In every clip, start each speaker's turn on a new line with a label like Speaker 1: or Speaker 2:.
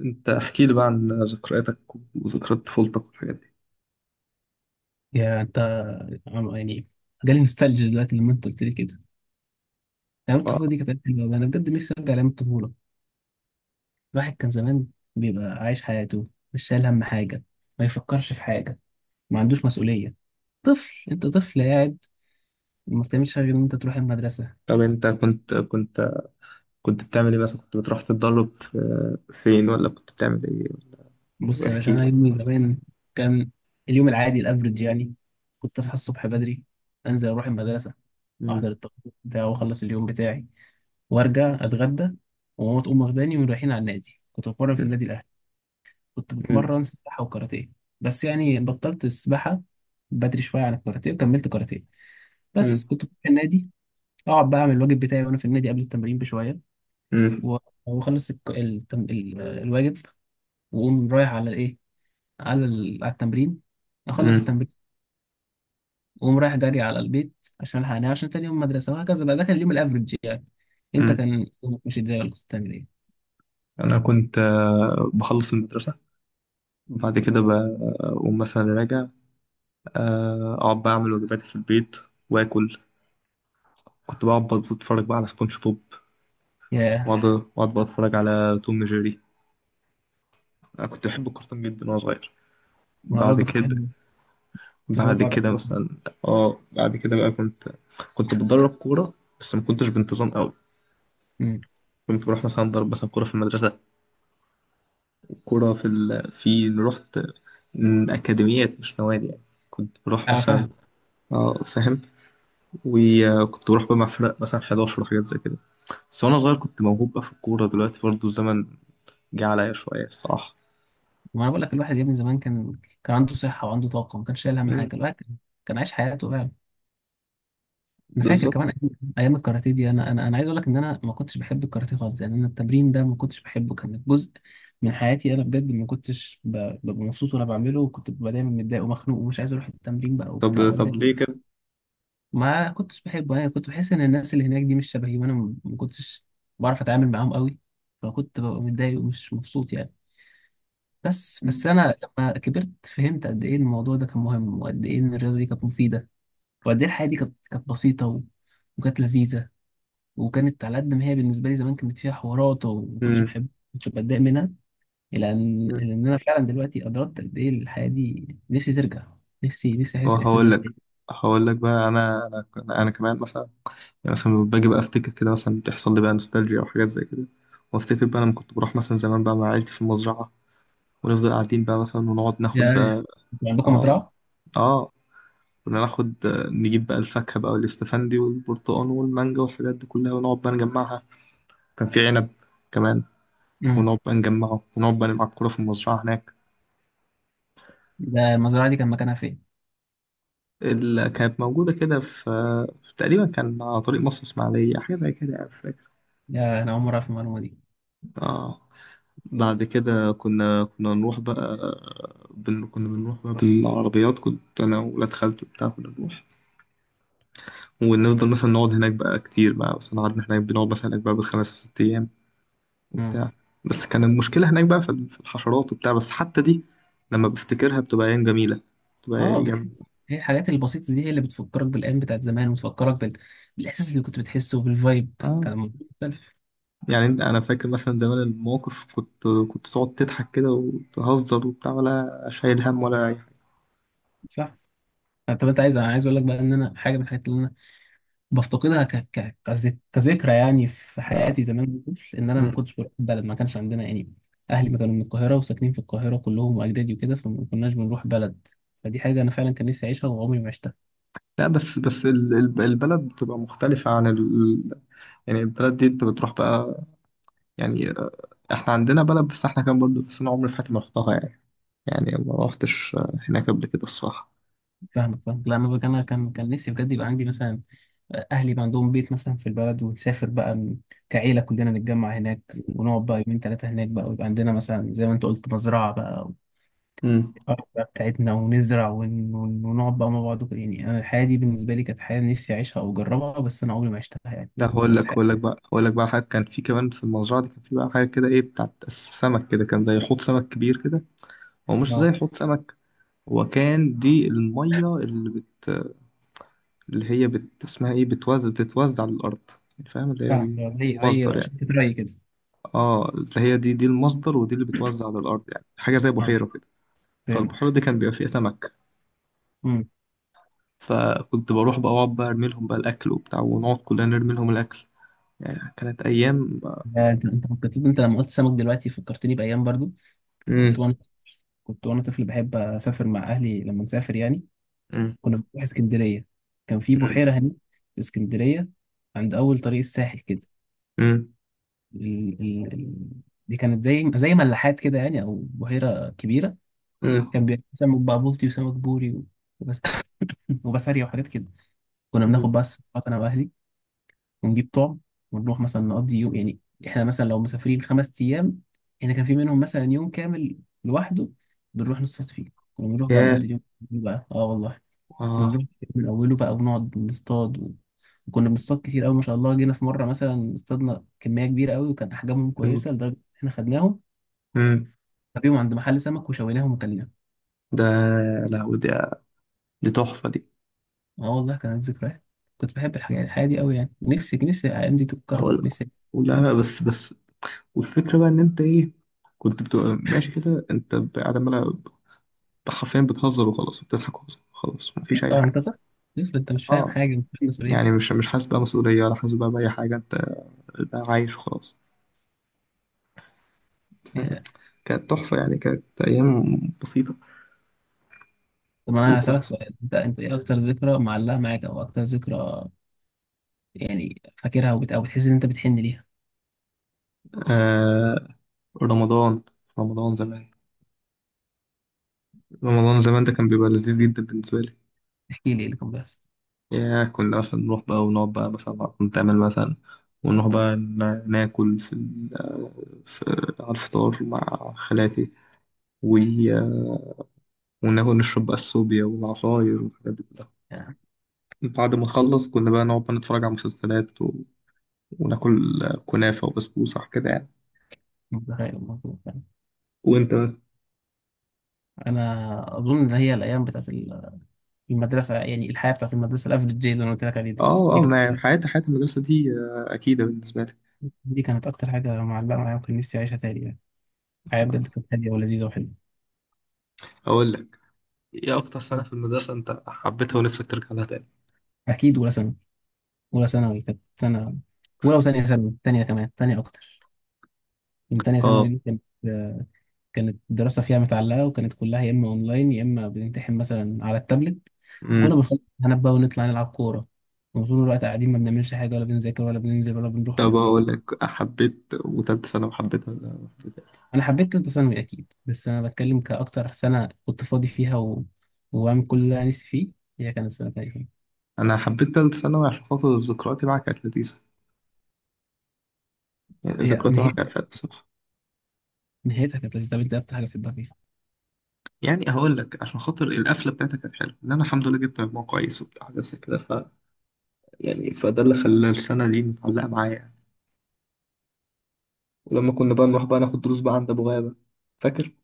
Speaker 1: انت احكي لي بقى عن ذكرياتك وذكريات طفولتك والحاجات دي.
Speaker 2: يا انت، يعني جالي نوستالجيا دلوقتي لما انت قلت لي كده. ايام
Speaker 1: آه.
Speaker 2: الطفوله دي كانت أيام حلوه أوي. انا بجد نفسي ارجع لايام الطفوله. الواحد كان زمان بيبقى عايش حياته، مش شايل هم حاجه، ما يفكرش في حاجه، ما عندوش مسؤوليه. طفل، انت طفل قاعد ما بتعملش غير ان انت تروح المدرسه.
Speaker 1: طب انت كنت بتعمل ايه مثلا؟ كنت بتروح تتدرب فين، ولا كنت بتعمل ايه؟
Speaker 2: بص يا
Speaker 1: واحكي
Speaker 2: باشا، انا
Speaker 1: لي.
Speaker 2: يومي زمان كان اليوم العادي الافريج يعني كنت اصحى الصبح بدري، انزل اروح المدرسه، احضر
Speaker 1: مم.
Speaker 2: التقرير بتاعي واخلص اليوم بتاعي، وارجع اتغدى، وماما تقوم واخداني ورايحين على النادي. كنت بتمرن في
Speaker 1: مم.
Speaker 2: النادي الاهلي. كنت
Speaker 1: مم.
Speaker 2: بتمرن سباحة وكاراتيه، بس يعني بطلت السباحة بدري شوية عن الكاراتيه، وكملت كاراتيه. بس كنت بروح النادي أقعد بقى أعمل الواجب بتاعي وأنا في النادي قبل التمرين بشوية،
Speaker 1: مم.
Speaker 2: و- وأخلص الواجب، وأقوم رايح على الإيه، على التمرين، أخلص
Speaker 1: مم.
Speaker 2: التمرين وأقوم رايح جري على البيت عشان ألحق أنام عشان تاني يوم مدرسة، وهكذا بقى. ده كان اليوم الأفريج يعني. أنت
Speaker 1: مم.
Speaker 2: كان يومك ماشي إزاي، ولا كنت بتعمل إيه؟
Speaker 1: انا كنت بخلص المدرسة، وبعد كده بقوم مثلا راجع. اقعد بقى اعمل واجباتي في البيت واكل. كنت بقعد بتفرج بقى على سبونج بوب،
Speaker 2: ياه.
Speaker 1: واقعد بتفرج على توم جيري. انا كنت بحب الكرتون جدا وانا صغير.
Speaker 2: ما أنا
Speaker 1: بعد
Speaker 2: برضه كنت
Speaker 1: كده
Speaker 2: بحب كنت بحب
Speaker 1: بعد
Speaker 2: أتفرج
Speaker 1: كده
Speaker 2: على-
Speaker 1: مثلا. اه، بعد كده بقى كنت بتدرب كورة، بس ما كنتش بانتظام قوي.
Speaker 2: أمم.
Speaker 1: كنت بروح مثلا ضرب مثلا كورة في المدرسة، كورة في رحت أكاديميات مش نوادي يعني. كنت بروح
Speaker 2: أنا
Speaker 1: مثلا.
Speaker 2: فاهم.
Speaker 1: اه، فاهم. وكنت بروح بقى مع فرق مثلا 11 وحاجات زي كده. بس وأنا صغير كنت موهوب بقى في الكورة، دلوقتي برضه الزمن جه عليا شوية الصراحة.
Speaker 2: ما بقول لك، الواحد يا ابني زمان كان عنده صحة وعنده طاقة، ما كانش شايل هم
Speaker 1: مم،
Speaker 2: حاجة. الواحد كان عايش حياته فعلا. أنا فاكر
Speaker 1: بالظبط.
Speaker 2: كمان أيام الكاراتيه دي. أنا عايز أقول لك إن أنا ما كنتش بحب الكاراتيه خالص يعني. أنا التمرين ده ما كنتش بحبه، كان جزء من حياتي. أنا بجد ما كنتش ببقى مبسوط وأنا بعمله، وكنت ببقى دايما متضايق ومخنوق ومش عايز أروح التمرين بقى وبتاع،
Speaker 1: طب
Speaker 2: وأتضايق.
Speaker 1: ليه كده؟
Speaker 2: ما كنتش بحبه يعني. كنت بحس إن الناس اللي هناك دي مش شبهي، وأنا ما كنتش بعرف أتعامل معاهم قوي، فكنت ببقى متضايق ومش مبسوط يعني. بس
Speaker 1: مم.
Speaker 2: انا لما كبرت فهمت قد ايه الموضوع ده كان مهم، وقد ايه ان الرياضه دي كانت مفيده، وقد ايه الحياه دي كانت بسيطه وكانت لذيذه. وكانت على قد ما هي بالنسبه لي زمان كانت فيها حوارات وما كنتش
Speaker 1: مم.
Speaker 2: بحب، كنت بتضايق منها، الى ان إلى ان انا فعلا دلوقتي ادركت قد ايه الحياه دي. نفسي ترجع، نفسي احس الاحساس
Speaker 1: وهقول
Speaker 2: ده
Speaker 1: لك
Speaker 2: تاني
Speaker 1: هقول لك بقى، أنا، أنا كمان مثلا، يعني مثلا لما باجي بقى افتكر كده مثلا تحصل لي بقى نوستالجيا او حاجات زي كده، وافتكر بقى لما كنت بروح مثلا زمان بقى مع عيلتي في المزرعة، ونفضل قاعدين بقى مثلا ونقعد ناخد
Speaker 2: يعني.
Speaker 1: بقى.
Speaker 2: انتوا عندكم
Speaker 1: اه.
Speaker 2: مزرعه؟
Speaker 1: اه. كنا ناخد، نجيب بقى الفاكهة بقى والاستفندي والبرتقال والمانجا والحاجات دي كلها ونقعد بقى نجمعها. كان في عنب كمان،
Speaker 2: امم.
Speaker 1: ونقعد بقى نجمعه، ونقعد بقى نلعب كورة في المزرعة هناك.
Speaker 2: ده المزرعه دي كان مكانها فين؟
Speaker 1: اللي كانت موجودة كده في تقريبا كان على طريق مصر إسماعيلية، حاجة زي كده يعني، مش فاكر.
Speaker 2: يا، انا اول مره اعرف المعلومه
Speaker 1: اه. بعد كده كنا نروح بقى. كنا بنروح بقى بالعربيات، كنت أنا وولاد خالتي وبتاع، كنا نروح ونفضل مثلا نقعد هناك بقى كتير بقى. بس قعدنا هناك، بنقعد مثلا هناك بقى بالخمس ست أيام
Speaker 2: دي.
Speaker 1: وبتاع. بس كان المشكلة هناك بقى في الحشرات وبتاع، بس حتى دي لما بفتكرها بتبقى أيام جميلة، بتبقى
Speaker 2: اه،
Speaker 1: أيام.
Speaker 2: بتحس هي الحاجات البسيطة دي هي اللي بتفكرك بالأيام بتاعت زمان، وتفكرك بالإحساس اللي كنت بتحسه وبالفايب.
Speaker 1: آه
Speaker 2: كان الموضوع مختلف.
Speaker 1: يعني أنا فاكر مثلا زمان المواقف، كنت تقعد تضحك كده وتهزر وبتاع، ولا شايل هم ولا أي حاجة.
Speaker 2: صح. طب انت عايز انا عايز اقول لك بقى ان انا حاجه من الحاجات اللي انا بفتقدها كذكرى يعني في
Speaker 1: آه.
Speaker 2: حياتي زمان وأنا طفل، ان انا ما كنتش بروح بلد. ما كانش عندنا يعني. اهلي ما كانوا من القاهره، وساكنين في القاهره كلهم واجدادي وكده، فما كناش بنروح بلد. فدي حاجه انا فعلا كان نفسي اعيشها وعمري ما عشتها.
Speaker 1: لا، بس البلد بتبقى مختلفة عن ال... يعني البلد دي انت بتروح بقى. يعني، احنا عندنا بلد بس احنا كان برضو، بس انا عمري في حياتي ما رحتها يعني. يعني ما رحتش، هناك قبل كده الصراحة.
Speaker 2: فاهمك. لا، انا كان نفسي بجد يبقى عندي مثلا، اهلي بقى عندهم بيت مثلا في البلد، ونسافر بقى كعيله كلنا نتجمع هناك، ونقعد بقى يومين ثلاثه هناك بقى، ويبقى عندنا مثلا زي ما انت قلت مزرعه بقى،
Speaker 1: امم.
Speaker 2: والارض بقى بتاعتنا، ونزرع ونقعد بقى مع بعض وكده. يعني انا الحياه دي بالنسبه لي كانت حياه نفسي اعيشها او اجربها، بس انا عمري ما عشتها يعني.
Speaker 1: لا،
Speaker 2: بس حاجه.
Speaker 1: هقول لك بقى حاجة. كان في كمان في المزرعة دي، كان في بقى حاجة كده ايه بتاعت السمك كده، كان زي حوض سمك كبير كده. هو مش زي
Speaker 2: اه
Speaker 1: حوض سمك. هو كان دي المية اللي بت، اللي هي بت اسمها ايه، بتوزع بتتوزع على الأرض، يعني فاهم اللي هي
Speaker 2: فاهم. زي،
Speaker 1: المصدر يعني.
Speaker 2: شركه رأي كده.
Speaker 1: اه، هي دي المصدر، ودي اللي بتوزع على الارض، يعني حاجه زي
Speaker 2: اه
Speaker 1: بحيره كده.
Speaker 2: فهمت.
Speaker 1: فالبحيره دي كان بيبقى فيها سمك.
Speaker 2: امم.
Speaker 1: فكنت بروح بقى اقعد بقى ارمي لهم بقى الاكل وبتاع، ونقعد كلنا نرمي لهم الاكل. يعني كانت ايام.
Speaker 2: آه، انت لما قلت سمك دلوقتي فكرتني بايام برضو. كنت
Speaker 1: امم.
Speaker 2: وانا كنت وانا طفل بحب اسافر مع اهلي لما نسافر يعني.
Speaker 1: امم.
Speaker 2: كنا بنروح اسكندرية. كان في
Speaker 1: امم.
Speaker 2: بحيرة هناك في اسكندرية، عند أول طريق الساحل كده. ال... ال... ال... دي كانت زي، ملاحات كده يعني أو بحيرة كبيرة.
Speaker 1: امم.
Speaker 2: كان بيبقى فيه سمك بقى، بلطي وسمك بوري وبس وبسارية وحاجات كده. كنا
Speaker 1: امم.
Speaker 2: بناخد بقى الصفحات أنا وأهلي، ونجيب طعم، ونروح مثلا نقضي يوم يعني. إحنا مثلا لو مسافرين خمس أيام، إحنا كان في منهم مثلا يوم كامل لوحده بنروح نصطاد فيه. كنا بنروح بقى نقضي
Speaker 1: ياه.
Speaker 2: اليوم بقى. اه والله، كنا نروح
Speaker 1: اه.
Speaker 2: الكتاب من أوله بقى، ونقعد نصطاد وكنا بنصطاد كتير أوي ما شاء الله. جينا في مرة مثلا اصطادنا كمية كبيرة أوي، وكان أحجامهم
Speaker 1: مم.
Speaker 2: كويسة لدرجة إن إحنا خدناهم
Speaker 1: مم.
Speaker 2: نبيهم عند محل سمك، وشويناهم وكلناهم.
Speaker 1: ده. لا، ودي، دي تحفة دي.
Speaker 2: آه والله كانت ذكريات. كنت بحب الحياة دي أوي يعني. نفسي الأيام دي تتكرر.
Speaker 1: هقول لك.
Speaker 2: نفسي. لا،
Speaker 1: لا، بس. والفكرة بقى ان انت ايه، كنت بتبقى ماشي كده انت قاعد عمال حرفيا بتهزر وخلاص، بتضحك وخلاص، خلاص مفيش اي
Speaker 2: طبعا
Speaker 1: حاجة.
Speaker 2: أنت طفل. طفل أنت، مش فاهم
Speaker 1: اه.
Speaker 2: حاجة، مش فاهم
Speaker 1: يعني
Speaker 2: مسؤوليات.
Speaker 1: مش حاسس بقى مسؤولية، ولا حاسس بقى بأي حاجة، انت عايش وخلاص. فاهم؟
Speaker 2: إيه.
Speaker 1: كانت تحفة يعني، كانت أيام بسيطة.
Speaker 2: طب أنا هسألك
Speaker 1: وكنت
Speaker 2: سؤال، أنت إيه أكتر ذكرى معلقة معاك، أو أكتر ذكرى يعني فاكرها أو بتحس إن أنت بتحن ليها.
Speaker 1: آه رمضان. رمضان زمان. رمضان زمان ده كان بيبقى لذيذ جدا بالنسبة لي.
Speaker 2: احكي لي إيه اللي كان بيحصل
Speaker 1: يا كنا مثلا نروح بقى ونقعد بقى مثلا نتعمل مثلا، ونروح بقى ناكل في على الفطار مع خالاتي. و- وناكل نشرب بقى الصوبيا والعصاير والحاجات دي كلها.
Speaker 2: يعني.
Speaker 1: بعد ما نخلص كنا بقى نقعد بقى نتفرج على مسلسلات، وناكل كنافة وبسبوسة كده يعني.
Speaker 2: مش متخيل الموضوع.
Speaker 1: وانت بقى.
Speaker 2: انا اظن ان هي الايام بتاعت المدرسه يعني، الحياه بتاعت المدرسه الافريج دي اللي انا قلت لك عليه ده.
Speaker 1: اه.
Speaker 2: دي
Speaker 1: اه،
Speaker 2: كانت
Speaker 1: ما حياة المدرسة دي، أكيدة بالنسبة لي.
Speaker 2: دي كانت اكتر حاجه معلقه معايا، وكان نفسي اعيشها تاني يعني. الحياه بجد كانت هاديه ولذيذه وحلوه.
Speaker 1: هقول لك، ايه اكتر سنة في المدرسة انت حبيتها ونفسك ترجع لها تاني؟
Speaker 2: اكيد اولى ثانوي. اولى ثانوي كانت سنه. اولى وثانيه ثانوي، ثانيه كمان ثانيه اكتر. من ثانيه ثانوي
Speaker 1: اه.
Speaker 2: دي كانت الدراسه فيها متعلقه، وكانت كلها يا اما اونلاين يا اما بنمتحن مثلا على التابلت. كنا
Speaker 1: امم.
Speaker 2: بنخلص امتحانات بقى، ونطلع نلعب كوره، وطول الوقت قاعدين ما بنعملش حاجه، ولا بنذاكر، ولا بننزل، ولا بنروح، ولا
Speaker 1: طب هقول
Speaker 2: بنيجي.
Speaker 1: لك، حبيت وتالتة ثانوي، حبيتها ولا حبيتها؟
Speaker 2: انا حبيت ثالثه ثانوي اكيد، بس انا بتكلم كاكتر سنه كنت فاضي فيها وعامل كل اللي انا نفسي فيه. هي كانت سنه تانية.
Speaker 1: أنا حبيت تالتة ثانوي عشان خاطر ذكرياتي معاك كانت لذيذة. يعني
Speaker 2: هي
Speaker 1: ذكرياتي معاك كانت
Speaker 2: نهايتها
Speaker 1: حلوة بصراحة.
Speaker 2: نهايتها كانت لذيذه. طب انت إيه اكتر حاجه بتحبها فيها؟
Speaker 1: يعني هقول لك، عشان خاطر القفلة بتاعتك كانت حلوة، إن أنا الحمد لله جبت مجموع كويس وبتاع حاجات زي كده. ف يعني، فده اللي خلى السنة دي متعلقة معايا. ولما كنا بقى نروح بقى ناخد دروس بقى عند ابو غابة، فاكر؟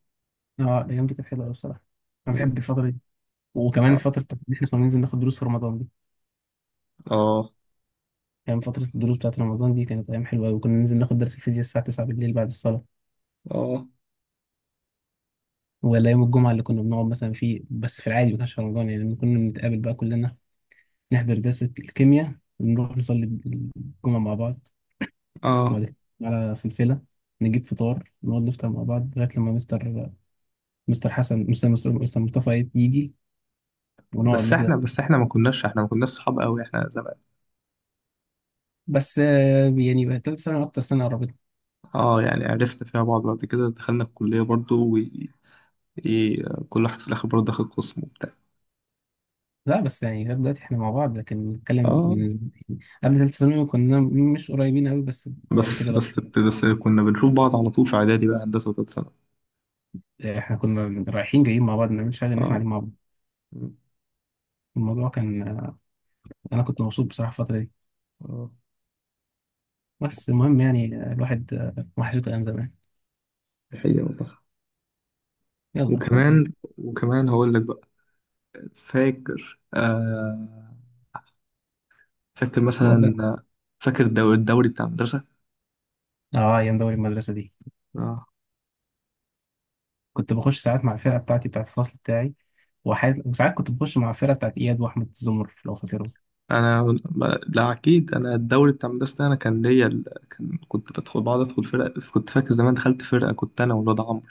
Speaker 2: اه، الايام دي كانت حلوه قوي بصراحه. انا
Speaker 1: مم.
Speaker 2: بحب الفتره دي، وكمان
Speaker 1: اه.
Speaker 2: الفتره بتاعت إن احنا كنا ننزل ناخد دروس في رمضان دي
Speaker 1: اه.
Speaker 2: يعني. فتره الدروس بتاعت رمضان دي كانت ايام حلوه قوي. وكنا ننزل ناخد درس الفيزياء الساعه 9 بالليل بعد الصلاه،
Speaker 1: اه.
Speaker 2: ولا يوم الجمعه اللي كنا بنقعد مثلا فيه بس في العادي، ما كانش في رمضان يعني. لما كنا بنتقابل بقى كلنا نحضر درس الكيمياء، ونروح نصلي الجمعه مع بعض،
Speaker 1: اه.
Speaker 2: وبعد كده على فلفلة نجيب فطار، نقعد نفطر مع بعض لغاية لما مستر حسن، مستر مصطفى يجي، ونقعد
Speaker 1: بس
Speaker 2: نحضر.
Speaker 1: احنا بس احنا ما كناش صحاب قوي احنا زمان.
Speaker 2: بس يعني بقى تالت ثانوي أكتر سنة قربتنا.
Speaker 1: اه، يعني عرفنا فيها بعض، بعد كده دخلنا الكلية برضو و إيه، كل واحد في الاخر برضو دخل قسم وبتاع.
Speaker 2: لا، بس يعني لغاية دلوقتي احنا مع بعض، لكن نتكلم
Speaker 1: اه،
Speaker 2: قبل تالت ثانوي كنا مش قريبين قوي بس. بعد
Speaker 1: بس
Speaker 2: كده بقى
Speaker 1: بس بس كنا بنشوف بعض على طول في اعدادي بقى، هندسة، وتالتة ثانوي.
Speaker 2: احنا كنا رايحين جايين مع بعض، ما بنعملش حاجة إن احنا
Speaker 1: اه.
Speaker 2: قاعدين مع بعض.
Speaker 1: مم.
Speaker 2: الموضوع كان، أنا كنت مبسوط بصراحة الفترة دي.
Speaker 1: اه،
Speaker 2: بس المهم يعني، الواحد وحشته أيام زمان.
Speaker 1: دي حقيقة والله.
Speaker 2: يلا الحمد
Speaker 1: وكمان
Speaker 2: لله.
Speaker 1: وكمان هقول لك بقى، فاكر. فاكر
Speaker 2: بقول لك،
Speaker 1: مثلا، فاكر الدوري بتاع المدرسة؟
Speaker 2: اه، ايام دوري المدرسه دي
Speaker 1: آه.
Speaker 2: كنت بخش ساعات مع الفرقة بتاعتي بتاعت الفصل بتاعي، وساعات كنت بخش مع الفرقة بتاعت إياد وأحمد زمر لو فاكرهم.
Speaker 1: أنا لا، أكيد أنا الدوري بتاع المدرسة ده أنا كان ليا ال... كنت بقعد أدخل فرق. كنت فاكر زمان دخلت فرقة كنت أنا والواد عمرو،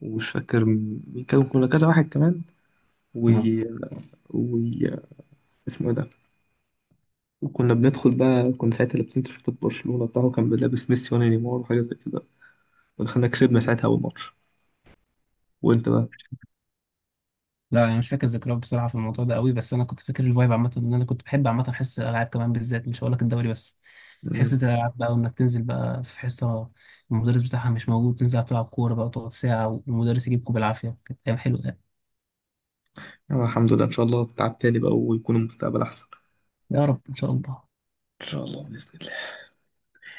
Speaker 1: ومش فاكر مين كان، كنا كذا واحد كمان و...
Speaker 2: نعم.
Speaker 1: و... اسمه إيه ده. وكنا بندخل بقى، كنا ساعتها لابسين تيشيرتات برشلونة، بتاعه كان لابس ميسي وأنا نيمار وحاجة زي كده. ودخلنا كسبنا ساعتها أول ماتش. وأنت بقى.
Speaker 2: لا، أنا مش فاكر ذكريات بصراحة في الموضوع ده قوي، بس أنا كنت فاكر الفايب عامة. إن أنا كنت بحب عامة حصة الألعاب كمان بالذات، مش هقول لك الدوري بس. حصة
Speaker 1: مم.
Speaker 2: الألعاب بقى، وإنك تنزل بقى في حصة المدرس بتاعها مش موجود، تنزل تلعب كورة بقى، تقعد ساعة والمدرس يجيبكوا بالعافية. كانت أيام حلوة يعني.
Speaker 1: الحمد لله. إن شاء الله تتعب تاني بقى ويكون المستقبل أحسن.
Speaker 2: يا رب إن شاء الله.
Speaker 1: إن شاء الله بإذن الله.